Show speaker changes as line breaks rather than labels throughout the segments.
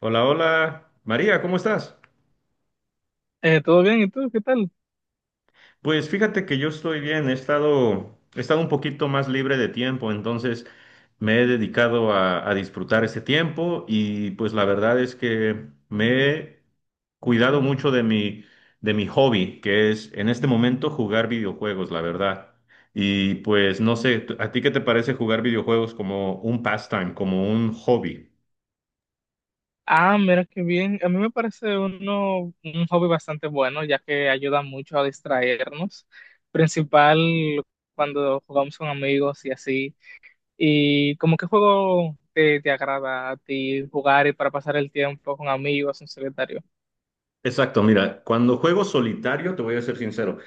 Hola, hola. María, ¿cómo estás?
¿Todo bien? ¿Y tú? ¿Qué tal?
Pues fíjate que yo estoy bien, he estado un poquito más libre de tiempo, entonces me he dedicado a disfrutar este tiempo y pues la verdad es que me he cuidado mucho de mi hobby, que es en este momento jugar videojuegos, la verdad. Y pues no sé, ¿a ti qué te parece jugar videojuegos como un pastime, como un hobby?
Ah, mira qué bien. A mí me parece un hobby bastante bueno, ya que ayuda mucho a distraernos, principal cuando jugamos con amigos y así. ¿Y como qué juego te agrada a ti jugar y para pasar el tiempo con amigos en solitario?
Exacto, mira, cuando juego solitario, te voy a ser sincero.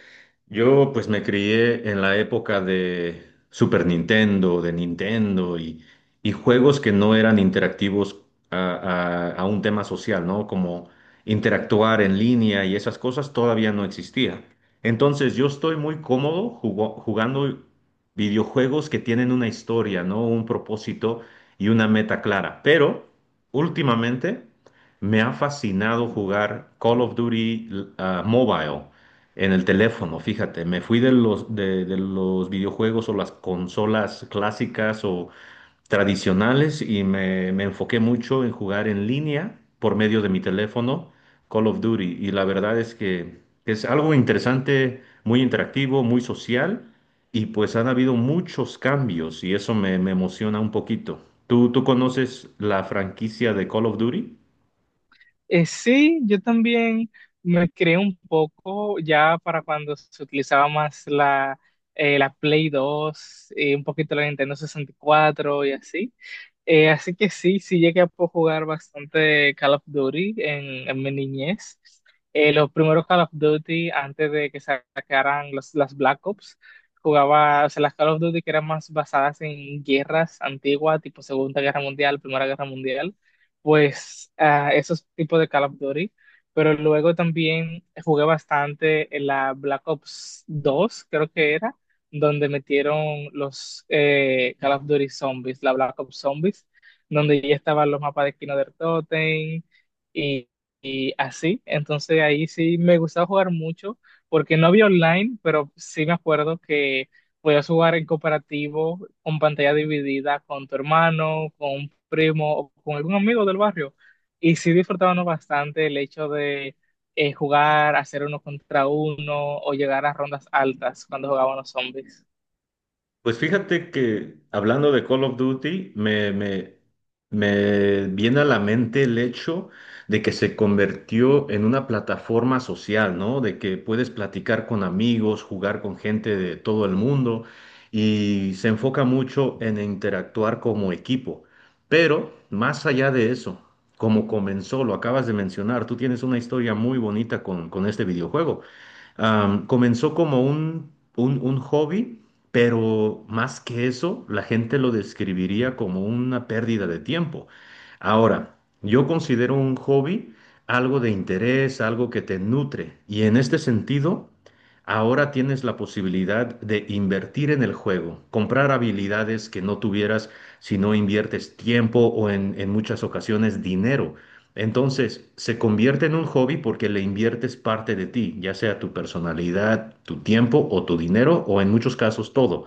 Yo pues me crié en la época de Super Nintendo, de Nintendo y juegos que no eran interactivos a, a un tema social, ¿no? Como interactuar en línea y esas cosas todavía no existía. Entonces yo estoy muy cómodo jugando videojuegos que tienen una historia, ¿no? Un propósito y una meta clara. Pero últimamente me ha fascinado jugar Call of Duty, Mobile. En el teléfono, fíjate, me fui de los videojuegos o las consolas clásicas o tradicionales y me enfoqué mucho en jugar en línea por medio de mi teléfono Call of Duty. Y la verdad es que es algo interesante, muy interactivo, muy social y pues han habido muchos cambios y eso me emociona un poquito. ¿Tú conoces la franquicia de Call of Duty?
Sí, yo también me creé un poco ya para cuando se utilizaba más la Play dos un poquito la Nintendo 64 y cuatro y así. Así que sí, sí llegué a poder jugar bastante Call of Duty en mi niñez. Los primeros Call of Duty, antes de que sacaran las Black Ops, jugaba, o sea, las Call of Duty que eran más basadas en guerras antiguas, tipo Segunda Guerra Mundial, Primera Guerra Mundial, pues ah, esos tipos de Call of Duty, pero luego también jugué bastante en la Black Ops 2, creo que era, donde metieron los Call of Duty Zombies, la Black Ops Zombies, donde ya estaban los mapas de Kino del Totem y, y así. Entonces ahí sí me gustaba jugar mucho, porque no había online, pero sí me acuerdo que podías jugar en cooperativo, con pantalla dividida, con tu hermano, con un primo o con algún amigo del barrio. Y sí disfrutábamos bastante el hecho de jugar, hacer uno contra uno o llegar a rondas altas cuando jugábamos zombies.
Pues fíjate que hablando de Call of Duty, me viene a la mente el hecho de que se convirtió en una plataforma social, ¿no? De que puedes platicar con amigos, jugar con gente de todo el mundo y se enfoca mucho en interactuar como equipo. Pero más allá de eso, como comenzó, lo acabas de mencionar, tú tienes una historia muy bonita con este videojuego. Comenzó como un hobby, pero más que eso, la gente lo describiría como una pérdida de tiempo. Ahora, yo considero un hobby algo de interés, algo que te nutre, y en este sentido, ahora tienes la posibilidad de invertir en el juego, comprar habilidades que no tuvieras si no inviertes tiempo o en muchas ocasiones dinero. Entonces, se convierte en un hobby porque le inviertes parte de ti, ya sea tu personalidad, tu tiempo o tu dinero o en muchos casos todo.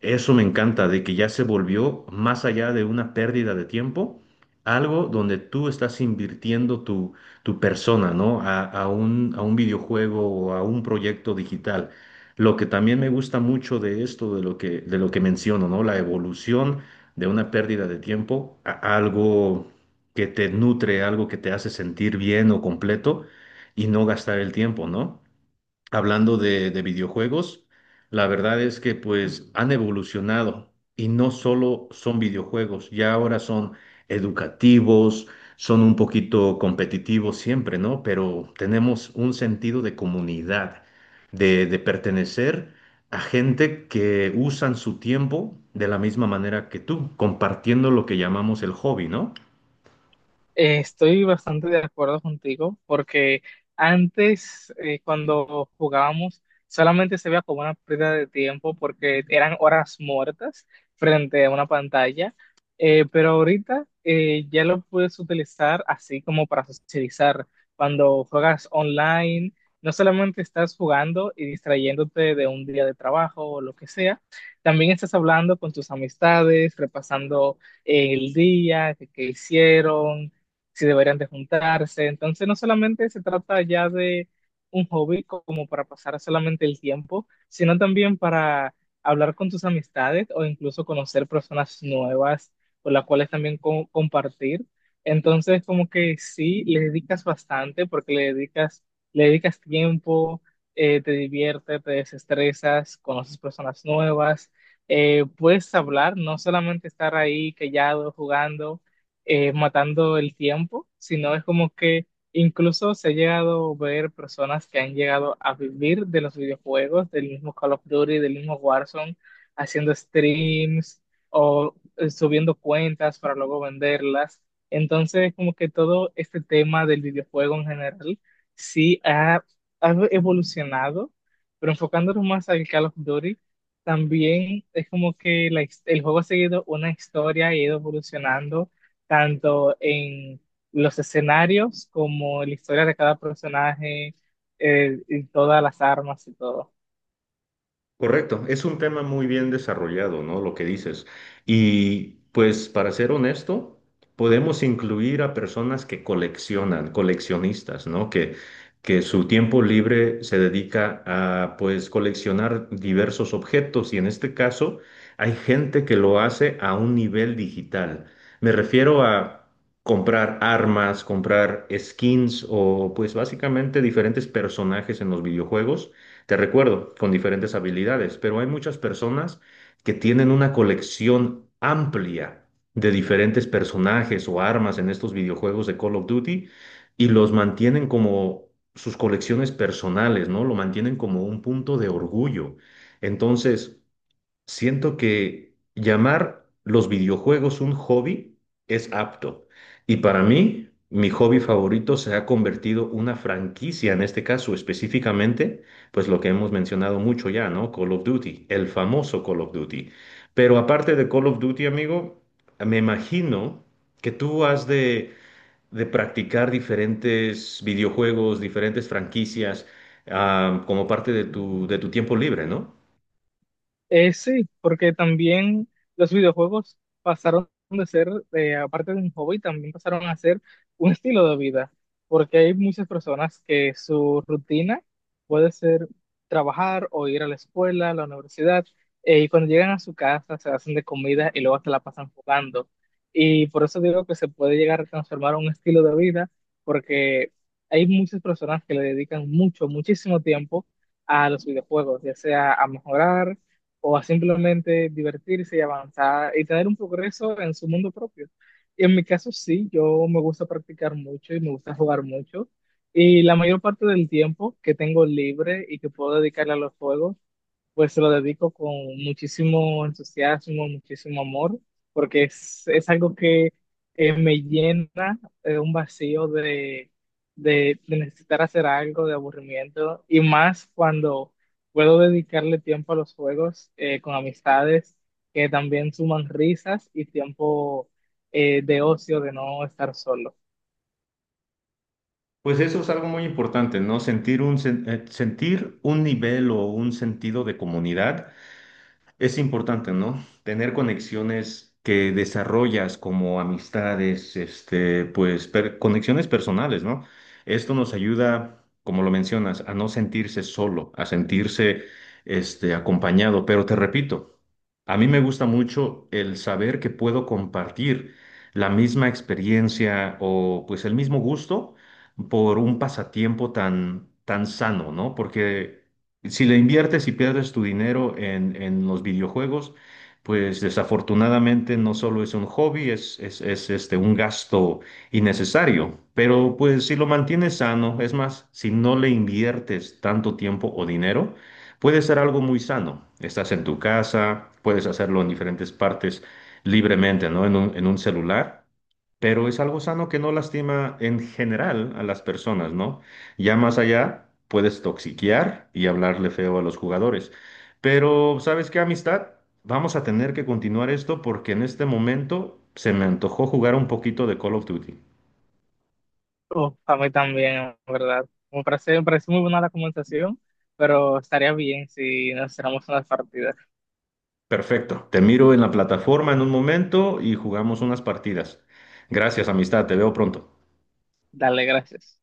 Eso me encanta, de que ya se volvió más allá de una pérdida de tiempo, algo donde tú estás invirtiendo tu persona, ¿no? A un videojuego o a un proyecto digital. Lo que también me gusta mucho de esto, de lo que menciono, ¿no? La evolución de una pérdida de tiempo a algo que te nutre, algo que te hace sentir bien o completo y no gastar el tiempo, ¿no? Hablando de videojuegos, la verdad es que pues han evolucionado y no solo son videojuegos, ya ahora son educativos, son un poquito competitivos siempre, ¿no? Pero tenemos un sentido de comunidad, de pertenecer a gente que usan su tiempo de la misma manera que tú, compartiendo lo que llamamos el hobby, ¿no?
Estoy bastante de acuerdo contigo porque antes, cuando jugábamos, solamente se veía como una pérdida de tiempo porque eran horas muertas frente a una pantalla. Pero ahorita, ya lo puedes utilizar así como para socializar. Cuando juegas online, no solamente estás jugando y distrayéndote de un día de trabajo o lo que sea, también estás hablando con tus amistades, repasando el día, que qué hicieron, si deberían de juntarse. Entonces no solamente se trata ya de un hobby como para pasar solamente el tiempo, sino también para hablar con tus amistades o incluso conocer personas nuevas con las cuales también compartir. Entonces como que sí, le dedicas bastante porque le dedicas tiempo, te diviertes, te desestresas, conoces personas nuevas. Puedes hablar, no solamente estar ahí callado, jugando, matando el tiempo, sino es como que incluso se ha llegado a ver personas que han llegado a vivir de los videojuegos, del mismo Call of Duty, del mismo Warzone, haciendo streams o subiendo cuentas para luego venderlas. Entonces, como que todo este tema del videojuego en general sí ha, ha evolucionado, pero enfocándonos más al Call of Duty. También es como que el juego ha seguido una historia y ha ido evolucionando tanto en los escenarios como en la historia de cada personaje, y todas las armas y todo.
Correcto, es un tema muy bien desarrollado, ¿no? Lo que dices. Y pues para ser honesto, podemos incluir a personas que coleccionan, coleccionistas, ¿no? Que su tiempo libre se dedica a pues coleccionar diversos objetos y en este caso hay gente que lo hace a un nivel digital. Me refiero a comprar armas, comprar skins o pues básicamente diferentes personajes en los videojuegos, te recuerdo, con diferentes habilidades, pero hay muchas personas que tienen una colección amplia de diferentes personajes o armas en estos videojuegos de Call of Duty y los mantienen como sus colecciones personales, ¿no? Lo mantienen como un punto de orgullo. Entonces, siento que llamar los videojuegos un hobby es apto. Y para mí, mi hobby favorito se ha convertido una franquicia, en este caso específicamente, pues lo que hemos mencionado mucho ya, ¿no? Call of Duty, el famoso Call of Duty. Pero aparte de Call of Duty, amigo, me imagino que tú has de practicar diferentes videojuegos, diferentes franquicias, como parte de tu tiempo libre, ¿no?
Sí, porque también los videojuegos pasaron de ser, aparte de un hobby, también pasaron a ser un estilo de vida, porque hay muchas personas que su rutina puede ser trabajar o ir a la escuela, a la universidad, y cuando llegan a su casa se hacen de comida y luego se la pasan jugando. Y por eso digo que se puede llegar a transformar un estilo de vida, porque hay muchas personas que le dedican mucho, muchísimo tiempo a los videojuegos, ya sea a mejorar o a simplemente divertirse y avanzar y tener un progreso en su mundo propio. Y en mi caso sí, yo me gusta practicar mucho y me gusta jugar mucho. Y la mayor parte del tiempo que tengo libre y que puedo dedicarle a los juegos, pues se lo dedico con muchísimo entusiasmo, muchísimo amor, porque es algo que me llena un vacío de necesitar hacer algo, de aburrimiento, y más cuando puedo dedicarle tiempo a los juegos con amistades que también suman risas y tiempo de ocio, de no estar solo.
Pues eso es algo muy importante, ¿no? Sentir un nivel o un sentido de comunidad es importante, ¿no? Tener conexiones que desarrollas como amistades, pues conexiones personales, ¿no? Esto nos ayuda, como lo mencionas, a no sentirse solo, a sentirse, acompañado, pero te repito. A mí me gusta mucho el saber que puedo compartir la misma experiencia o pues el mismo gusto por un pasatiempo tan, tan sano, ¿no? Porque si le inviertes y pierdes tu dinero en los videojuegos, pues desafortunadamente no solo es un hobby, es un gasto innecesario, pero pues si lo mantienes sano, es más, si no le inviertes tanto tiempo o dinero, puede ser algo muy sano. Estás en tu casa, puedes hacerlo en diferentes partes libremente, ¿no? En un celular, pero es algo sano que no lastima en general a las personas, ¿no? Ya más allá, puedes toxiquear y hablarle feo a los jugadores. Pero, ¿sabes qué, amistad? Vamos a tener que continuar esto porque en este momento se me antojó jugar un poquito de Call of Duty.
Uf, a mí también, en ¿verdad? Me parece muy buena la conversación, pero estaría bien si nos hiciéramos unas partidas.
Perfecto. Te miro en la plataforma en un momento y jugamos unas partidas. Gracias, amistad. Te veo pronto.
Dale, gracias.